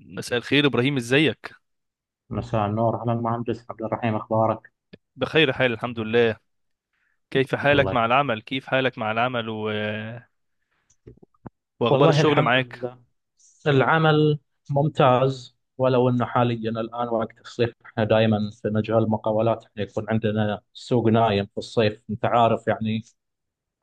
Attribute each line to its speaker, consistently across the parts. Speaker 1: مساء الخير إبراهيم، إزيك؟
Speaker 2: مساء النور، أهلا مهندس عبد الرحيم. أخبارك؟
Speaker 1: بخير حال، الحمد لله. كيف حالك
Speaker 2: الله يخ-
Speaker 1: مع العمل؟ وأخبار
Speaker 2: والله
Speaker 1: الشغل
Speaker 2: الحمد
Speaker 1: معاك؟
Speaker 2: لله. العمل ممتاز، ولو انه حاليا الان وقت الصيف. احنا دائما في مجال المقاولات، احنا يكون عندنا سوق نايم في الصيف، انت عارف يعني.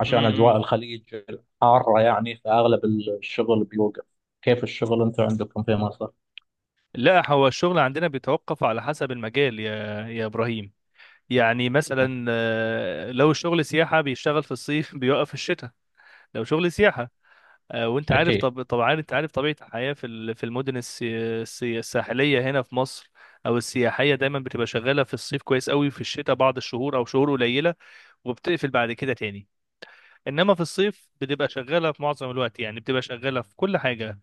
Speaker 2: عشان
Speaker 1: م-م.
Speaker 2: اجواء الخليج حاره يعني، فاغلب الشغل بيوقف. كيف الشغل انت عندكم في مصر؟
Speaker 1: لا، هو الشغل عندنا بيتوقف على حسب المجال يا إبراهيم. يعني
Speaker 2: مم.
Speaker 1: مثلا لو الشغل سياحة بيشتغل في الصيف بيوقف في الشتاء. لو شغل سياحة، وانت عارف،
Speaker 2: اكيد،
Speaker 1: طبعا انت عارف طبيعة الحياة في في المدن الساحلية هنا في مصر، او السياحية دايما بتبقى شغالة في الصيف كويس قوي، في الشتاء بعض الشهور او شهور قليلة، وبتقفل بعد كده تاني. انما في الصيف بتبقى شغاله في معظم الوقت، يعني بتبقى شغاله في كل حاجه.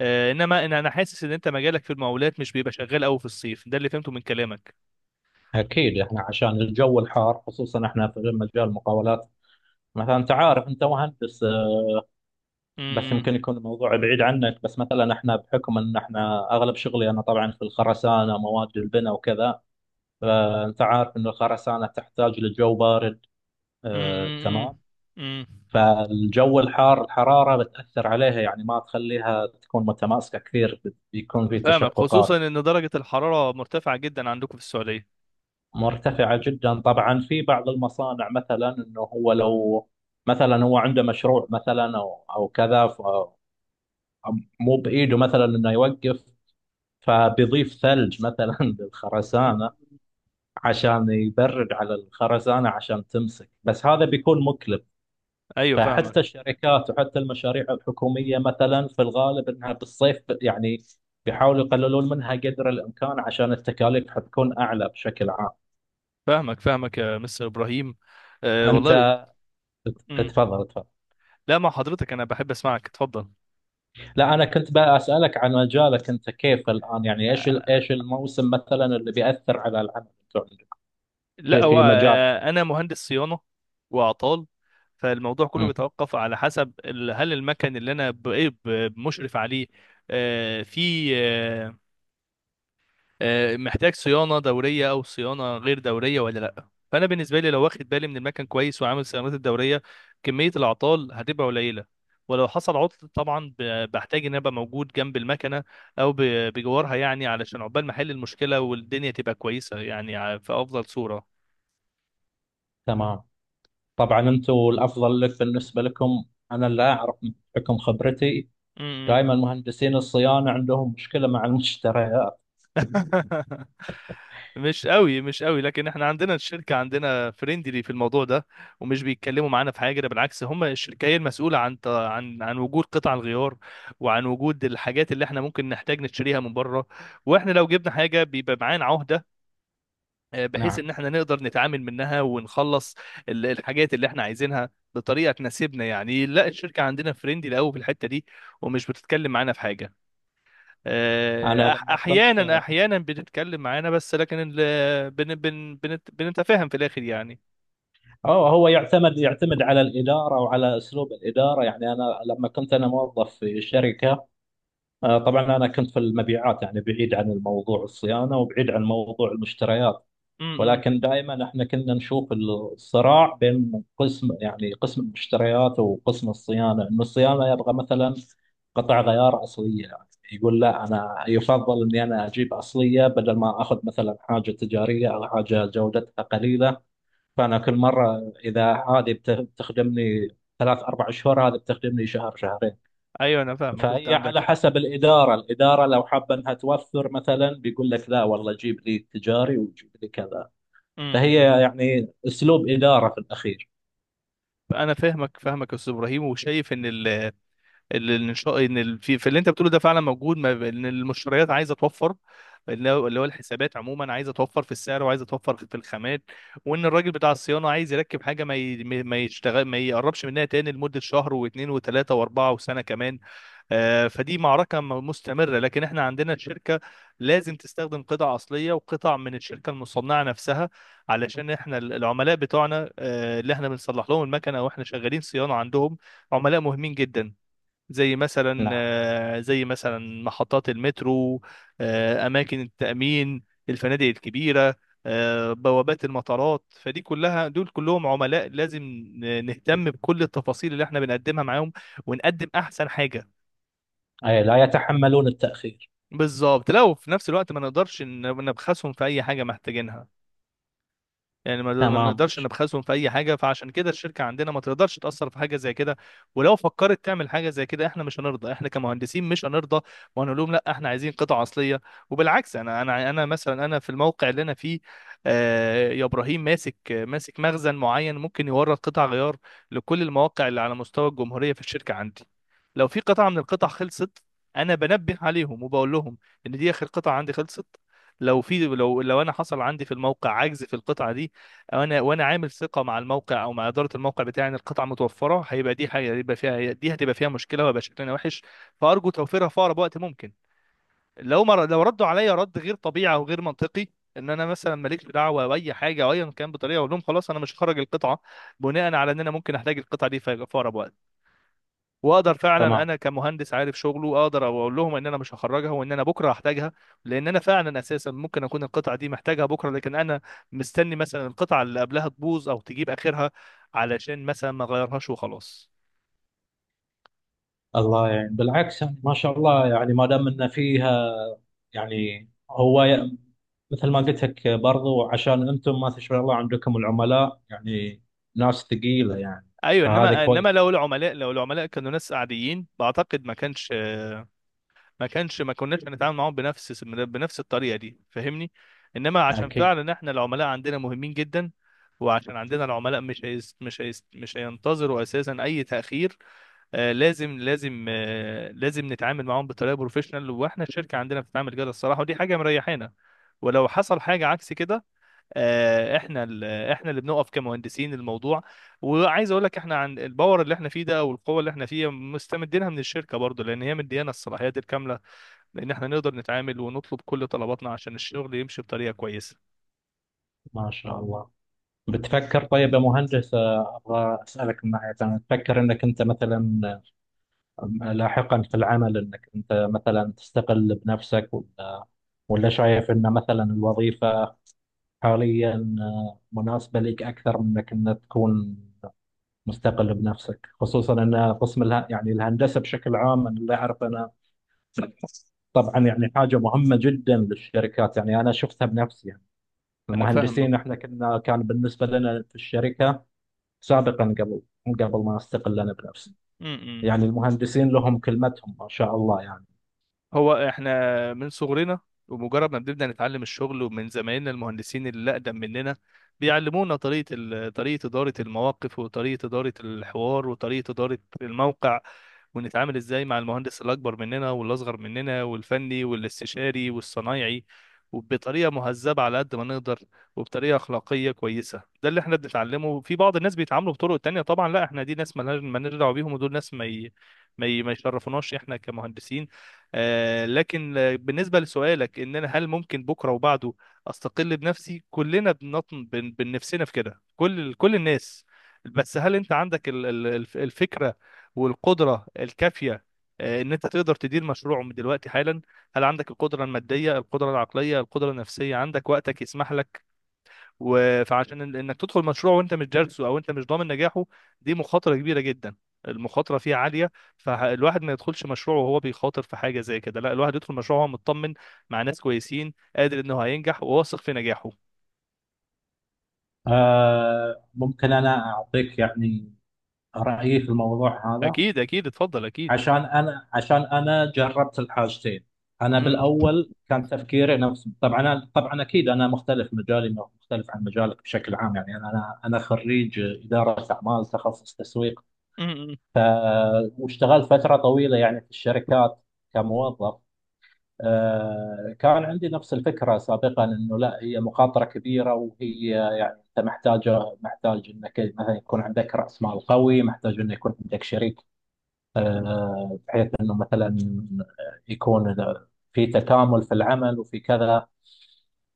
Speaker 1: انما أنا حاسس ان انت مجالك في المقاولات مش بيبقى شغال قوي في الصيف، ده اللي فهمته من كلامك.
Speaker 2: اكيد، احنا عشان الجو الحار، خصوصا احنا في مجال المقاولات. مثلا انت عارف، انت مهندس، بس يمكن
Speaker 1: امم.
Speaker 2: يكون الموضوع بعيد عنك، بس مثلا احنا بحكم ان احنا اغلب شغلي انا طبعا في الخرسانه، مواد البناء وكذا. فانت عارف ان الخرسانه تحتاج لجو بارد. آه،
Speaker 1: امم.
Speaker 2: تمام.
Speaker 1: امم.
Speaker 2: فالجو الحار، الحراره بتاثر عليها، يعني ما تخليها تكون متماسكه كثير، بيكون في
Speaker 1: فاهمك، خصوصا
Speaker 2: تشققات.
Speaker 1: ان درجه الحراره مرتفعه جدا عندكم في السعوديه.
Speaker 2: مرتفعه جدا طبعا. في بعض المصانع مثلا، انه هو لو مثلا هو عنده مشروع مثلا او كذا، مو بايده مثلا انه يوقف، فبيضيف ثلج مثلا
Speaker 1: مم.
Speaker 2: للخرسانة، عشان يبرد على الخرسانة عشان تمسك. بس هذا بيكون مكلف.
Speaker 1: ايوه، فاهمك.
Speaker 2: فحتى الشركات وحتى المشاريع الحكومية مثلا، في الغالب انها بالصيف يعني بيحاولوا يقللون منها قدر الامكان، عشان التكاليف حتكون اعلى بشكل عام.
Speaker 1: فاهمك فاهمك يا مستر ابراهيم. أه
Speaker 2: انت
Speaker 1: والله. امم.
Speaker 2: اتفضل، اتفضل.
Speaker 1: لا، مع حضرتك انا بحب اسمعك، اتفضل.
Speaker 2: لا، انا كنت بقى اسالك عن مجالك انت كيف الان. يعني ايش الموسم مثلا اللي بيأثر على العمل بتوع عندك،
Speaker 1: لا،
Speaker 2: في
Speaker 1: هو
Speaker 2: في مجالك.
Speaker 1: انا مهندس صيانه واعطال. فالموضوع كله
Speaker 2: مم.
Speaker 1: بيتوقف على حسب هل المكن اللي انا مشرف عليه. في محتاج صيانه دوريه او صيانه غير دوريه ولا لا، فانا بالنسبه لي لو واخد بالي من المكن كويس وعامل صيانات الدوريه، كميه الاعطال هتبقى قليله. ولو حصل عطل، طبعا بحتاج ان أنا ابقى موجود جنب المكنه او بجوارها، يعني علشان عقبال ما احل المشكله والدنيا تبقى كويسه، يعني في افضل صوره.
Speaker 2: تمام. طبعا انتم الافضل لك بالنسبه لكم، انا لا اعرف. بحكم خبرتي، دائما مهندسين الصيانه عندهم مشكله مع المشتريات.
Speaker 1: مش قوي مش قوي، لكن احنا عندنا الشركه عندنا فريندلي في الموضوع ده، ومش بيتكلموا معانا في حاجه، ده بالعكس، هم الشركه هي المسؤوله عن وجود قطع الغيار، وعن وجود الحاجات اللي احنا ممكن نحتاج نشتريها من بره. واحنا لو جبنا حاجه بيبقى معانا عهده، بحيث
Speaker 2: نعم.
Speaker 1: ان احنا نقدر نتعامل منها ونخلص الحاجات اللي احنا عايزينها بطريقه تناسبنا. يعني لا، الشركه عندنا فريندلي قوي في الحته دي، ومش بتتكلم معانا في حاجه.
Speaker 2: انا لما كنت
Speaker 1: احيانا
Speaker 2: في...
Speaker 1: بتتكلم معانا بس، لكن ال... بن... بن... بنت... بنتفاهم في الاخر يعني.
Speaker 2: أو هو يعتمد يعتمد على الاداره وعلى اسلوب الاداره. يعني انا لما كنت انا موظف في شركه، طبعا انا كنت في المبيعات، يعني بعيد عن الموضوع الصيانه وبعيد عن موضوع المشتريات.
Speaker 1: امم.
Speaker 2: ولكن دائما احنا كنا نشوف الصراع بين قسم، يعني قسم المشتريات وقسم الصيانه، انه الصيانه يبغى مثلا قطع غيار اصليه، يعني يقول لا، انا يفضل اني انا اجيب اصليه بدل ما اخذ مثلا حاجه تجاريه او حاجه جودتها قليله. فانا كل مره، اذا هذه بتخدمني ثلاث اربع شهور، هذه بتخدمني شهر شهرين.
Speaker 1: ايوه، انا فاهمك، كنت
Speaker 2: فهي
Speaker 1: عندك
Speaker 2: على
Speaker 1: حق.
Speaker 2: حسب الاداره، الاداره لو حابه انها توفر، مثلا بيقول لك لا والله جيب لي تجاري وجيب لي كذا.
Speaker 1: امم.
Speaker 2: فهي يعني اسلوب اداره في الاخير.
Speaker 1: انا فاهمك فاهمك يا استاذ ابراهيم، وشايف ان في اللي انت بتقوله ده فعلا موجود، ما ب- ان المشتريات عايزه توفر، اللي هو الحسابات عموما عايزه توفر في السعر وعايزه توفر في الخامات، وان الراجل بتاع الصيانه عايز يركب حاجه ما يشتغل، ما يقربش منها تاني لمده شهر واثنين وثلاثه واربعه وسنه كمان. فدي معركة مستمرة، لكن احنا عندنا الشركة لازم تستخدم قطع أصلية وقطع من الشركة المصنعة نفسها، علشان احنا العملاء بتوعنا اللي احنا بنصلح لهم المكنة، واحنا شغالين صيانة عندهم، عملاء مهمين جدا. زي مثلا
Speaker 2: نعم.
Speaker 1: محطات المترو، اماكن التامين، الفنادق الكبيره، بوابات المطارات. فدي كلها، دول كلهم عملاء، لازم نهتم بكل التفاصيل اللي احنا بنقدمها معاهم، ونقدم احسن حاجه.
Speaker 2: أي، لا يتحملون التاخير.
Speaker 1: بالظبط. لو في نفس الوقت ما نقدرش نبخسهم في اي حاجه محتاجينها، يعني ما
Speaker 2: تمام،
Speaker 1: نقدرش نبخسهم في اي حاجه، فعشان كده الشركه عندنا ما تقدرش تاثر في حاجه زي كده. ولو فكرت تعمل حاجه زي كده، احنا مش هنرضى، احنا كمهندسين مش هنرضى، وهنقول لهم لا، احنا عايزين قطع اصليه. وبالعكس، انا مثلا، انا في الموقع اللي انا فيه يا ابراهيم، ماسك ماسك مخزن معين، ممكن يورد قطع غيار لكل المواقع اللي على مستوى الجمهوريه في الشركه عندي. لو في قطعه من القطع خلصت، انا بنبه عليهم وبقول لهم ان دي اخر قطعه عندي خلصت. لو انا حصل عندي في الموقع عجز في القطعه دي، وانا عامل ثقه مع الموقع او مع اداره الموقع بتاعي ان القطعه متوفره، هيبقى دي حاجه هيبقى فيها دي هتبقى فيها مشكله وهيبقى شكلنا وحش، فارجو توفيرها في اقرب وقت ممكن. لو ردوا عليا رد غير طبيعي او غير منطقي، ان انا مثلا ماليش دعوه باي حاجه او ايا كان، بطريقه اقول لهم خلاص انا مش هخرج القطعه، بناء على ان انا ممكن احتاج القطعه دي في اقرب وقت، واقدر فعلا
Speaker 2: تمام.
Speaker 1: انا كمهندس عارف شغله اقدر اقول لهم ان انا مش هخرجها وان انا بكره هحتاجها. لان انا فعلا اساسا ممكن اكون القطعه دي محتاجها بكره، لكن انا مستني مثلا القطعه اللي قبلها تبوظ او تجيب اخرها علشان مثلا ما اغيرهاش وخلاص.
Speaker 2: الله، يعني بالعكس، يعني ما شاء الله، يعني ما دام ان فيها، يعني هو مثل ما قلت لك برضو، عشان انتم ما تشاء الله عندكم العملاء يعني ناس ثقيله يعني،
Speaker 1: ايوه،
Speaker 2: فهذا
Speaker 1: انما
Speaker 2: كويس.
Speaker 1: انما لو العملاء كانوا ناس عاديين، بعتقد ما كانش ما كناش هنتعامل معاهم بنفس الطريقه دي، فاهمني؟ انما عشان
Speaker 2: أكيد.
Speaker 1: فعلا احنا العملاء عندنا مهمين جدا، وعشان عندنا العملاء مش هينتظروا اساسا اي تاخير. لازم نتعامل معاهم بطريقه بروفيشنال، واحنا الشركه عندنا بتتعامل كده الصراحه، ودي حاجه مريحانا. ولو حصل حاجه عكس كده، احنا اللي بنقف كمهندسين الموضوع. وعايز اقول لك احنا عن الباور اللي احنا فيه ده، او القوه اللي احنا فيها، مستمدينها من الشركه برضو، لان هي مديانا الصلاحيات الكامله، لان احنا نقدر نتعامل ونطلب كل طلباتنا عشان الشغل يمشي بطريقه كويسه.
Speaker 2: ما شاء الله. بتفكر طيب يا مهندس، ابغى اسالك من ناحيه، انا تفكر انك انت مثلا لاحقا في العمل انك انت مثلا تستقل بنفسك، ولا شايف ان مثلا الوظيفة حاليا، مناسبة لك اكثر من انك تكون مستقل بنفسك. خصوصا ان قسم يعني الهندسة بشكل عام، انا اللي اعرف انا طبعا يعني حاجة مهمة جدا للشركات. يعني انا شفتها بنفسي يعني،
Speaker 1: انا فاهمه.
Speaker 2: المهندسين احنا كنا كان بالنسبة لنا في الشركة سابقا قبل ما استقل انا بنفسي، يعني المهندسين لهم كلمتهم ما شاء الله يعني.
Speaker 1: هو احنا من صغرنا، ومجرد ما بنبدأ نتعلم الشغل، ومن زمايلنا المهندسين اللي أقدم مننا، بيعلمونا طريقة إدارة المواقف، وطريقة إدارة الحوار، وطريقة إدارة الموقع، ونتعامل إزاي مع المهندس الأكبر مننا والأصغر مننا والفني والاستشاري والصنايعي، وبطريقة مهذبة على قد ما نقدر، وبطريقة أخلاقية كويسة. ده اللي احنا بنتعلمه. في بعض الناس بيتعاملوا بطرق تانية طبعا، لا احنا دي ناس مالناش دعوة بيهم، ودول ناس ما يشرفوناش احنا كمهندسين. لكن بالنسبة لسؤالك إن أنا هل ممكن بكرة وبعده أستقل بنفسي، كلنا بنطن بنفسنا في كده، كل الناس. بس هل أنت عندك الفكرة والقدرة الكافية، إن أنت تقدر تدير مشروع من دلوقتي حالا؟ هل عندك القدرة المادية، القدرة العقلية، القدرة النفسية، عندك وقتك يسمح لك؟ فعشان انك تدخل مشروع وانت مش دارسه او انت مش ضامن نجاحه، دي مخاطره كبيره جدا، المخاطره فيه عاليه، فالواحد ما يدخلش مشروع وهو بيخاطر في حاجه زي كده. لا، الواحد يدخل مشروع وهو مطمن مع ناس كويسين، قادر انه هينجح وواثق في نجاحه.
Speaker 2: ممكن أنا أعطيك يعني رأيي في الموضوع هذا.
Speaker 1: اكيد اكيد، اتفضل اكيد.
Speaker 2: عشان أنا جربت الحاجتين. أنا
Speaker 1: امم.
Speaker 2: بالأول كان تفكيري نفس، طبعا أنا، طبعا أكيد أنا مختلف، مجالي مختلف عن مجالك بشكل عام. يعني أنا خريج إدارة أعمال تخصص تسويق.
Speaker 1: امم.
Speaker 2: ف... واشتغلت فترة طويلة يعني في الشركات كموظف. كان عندي نفس الفكرة سابقا، انه لا، هي مخاطرة كبيرة، وهي يعني انت محتاجة محتاج انك مثلا يكون عندك رأس مال قوي، محتاج انه يكون عندك شريك، بحيث انه مثلا يكون في تكامل في العمل وفي كذا.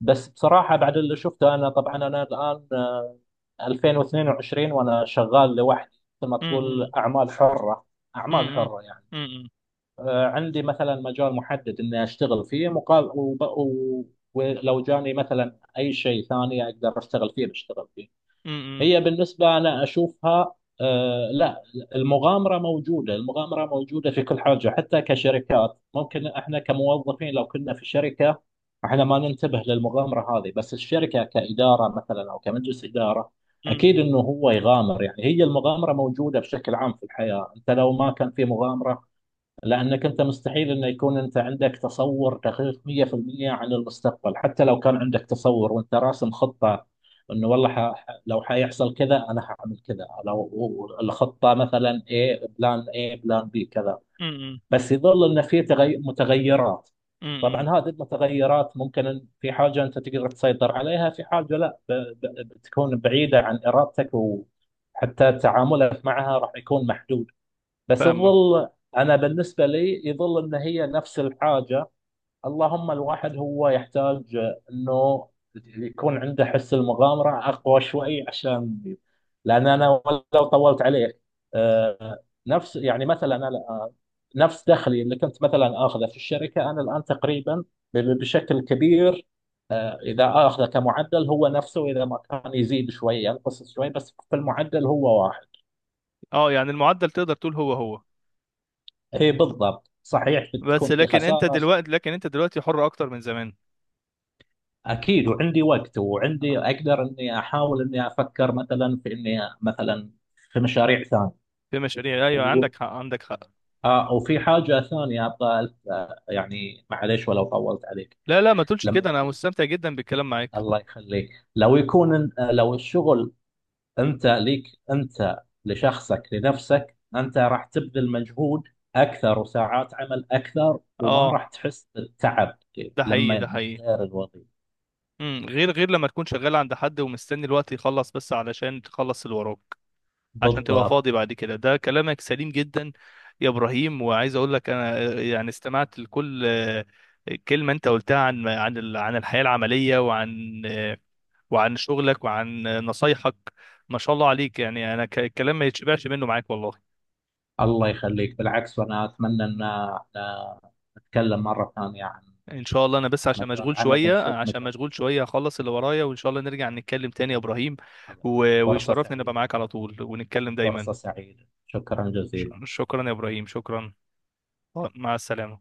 Speaker 2: بس بصراحة بعد اللي شفته، انا طبعا انا الان 2022 وانا شغال لوحدي، مثل ما تقول
Speaker 1: امم.
Speaker 2: اعمال حرة. اعمال
Speaker 1: امم.
Speaker 2: حرة يعني،
Speaker 1: امم.
Speaker 2: عندي مثلا مجال محدد اني اشتغل فيه مقابل، ولو جاني مثلا اي شيء ثاني اقدر اشتغل فيه بشتغل فيه.
Speaker 1: امم.
Speaker 2: هي بالنسبه انا اشوفها، لا، المغامره موجوده، المغامره موجوده في كل حاجه، حتى كشركات. ممكن احنا كموظفين لو كنا في شركه احنا ما ننتبه للمغامره هذه، بس الشركه كاداره مثلا او كمجلس اداره اكيد انه هو يغامر. يعني هي المغامره موجوده بشكل عام في الحياه، انت لو ما كان في مغامره، لأنك أنت مستحيل أن يكون أنت عندك تصور دقيق 100% عن المستقبل. حتى لو كان عندك تصور وأنت راسم خطة، أنه والله لو حيحصل كذا أنا حأعمل كذا. لو الخطة مثلا A، بلان A بلان B كذا،
Speaker 1: امم.
Speaker 2: بس يظل أن في متغيرات. طبعا
Speaker 1: امم.
Speaker 2: هذه المتغيرات ممكن أن في حاجة أنت تقدر تسيطر عليها، في حاجة لا، بتكون بعيدة عن إرادتك، وحتى تعاملك معها راح يكون محدود. بس
Speaker 1: فاهمه.
Speaker 2: يظل، انا بالنسبه لي يظل ان هي نفس الحاجه. اللهم الواحد هو يحتاج انه يكون عنده حس المغامره اقوى شوي، عشان، لان انا لو طولت عليه، آه، نفس، يعني مثلا انا الآن، نفس دخلي اللي كنت مثلا اخذه في الشركه انا الان تقريبا بشكل كبير. اذا اخذه كمعدل هو نفسه، اذا ما كان يزيد شوي ينقص شوي، بس في المعدل هو واحد.
Speaker 1: اه، يعني المعدل تقدر تقول هو هو.
Speaker 2: اي بالضبط صحيح.
Speaker 1: بس
Speaker 2: بتكون في
Speaker 1: لكن انت
Speaker 2: خسارة
Speaker 1: دلوقتي، حر اكتر من زمان.
Speaker 2: اكيد. وعندي وقت، وعندي اقدر اني احاول اني افكر مثلا في اني مثلا في مشاريع ثانية.
Speaker 1: في مشاريع، ايوه،
Speaker 2: و...
Speaker 1: عندك حق عندك حق.
Speaker 2: آه وفي حاجة ثانية ابغى يعني معليش ولو طولت عليك.
Speaker 1: لا لا، ما تقولش
Speaker 2: لما
Speaker 1: كده، انا
Speaker 2: يكون...
Speaker 1: مستمتع جدا بالكلام معاك.
Speaker 2: الله يخليك. لو يكون لو الشغل انت ليك، انت لشخصك لنفسك، انت راح تبذل مجهود اكثر وساعات عمل اكثر، وما
Speaker 1: اه،
Speaker 2: راح تحس بالتعب
Speaker 1: ده حقيقي ده
Speaker 2: لما
Speaker 1: حقيقي.
Speaker 2: غير الوظيفة.
Speaker 1: امم. غير لما تكون شغال عند حد ومستني الوقت يخلص بس علشان تخلص اللي وراك عشان تبقى
Speaker 2: بالضبط.
Speaker 1: فاضي بعد كده، ده كلامك سليم جدا يا ابراهيم. وعايز اقول لك انا يعني استمعت لكل كلمه انت قلتها عن الحياه العمليه، وعن شغلك وعن نصايحك. ما شاء الله عليك، يعني انا الكلام ما يتشبعش منه معاك والله.
Speaker 2: الله يخليك. بالعكس، وانا اتمنى ان نتكلم مره ثانيه عن
Speaker 1: ان شاء الله. انا بس عشان
Speaker 2: مجال
Speaker 1: مشغول
Speaker 2: العمل
Speaker 1: شويه،
Speaker 2: ونشوف مشاكلنا.
Speaker 1: هخلص اللي ورايا، وان شاء الله نرجع نتكلم تاني يا ابراهيم.
Speaker 2: فرصه
Speaker 1: ويشرفني ان ابقى
Speaker 2: سعيده.
Speaker 1: معاك على طول ونتكلم دايما.
Speaker 2: فرصه سعيده، شكرا جزيلا.
Speaker 1: شكرا يا ابراهيم، شكرا، مع السلامه.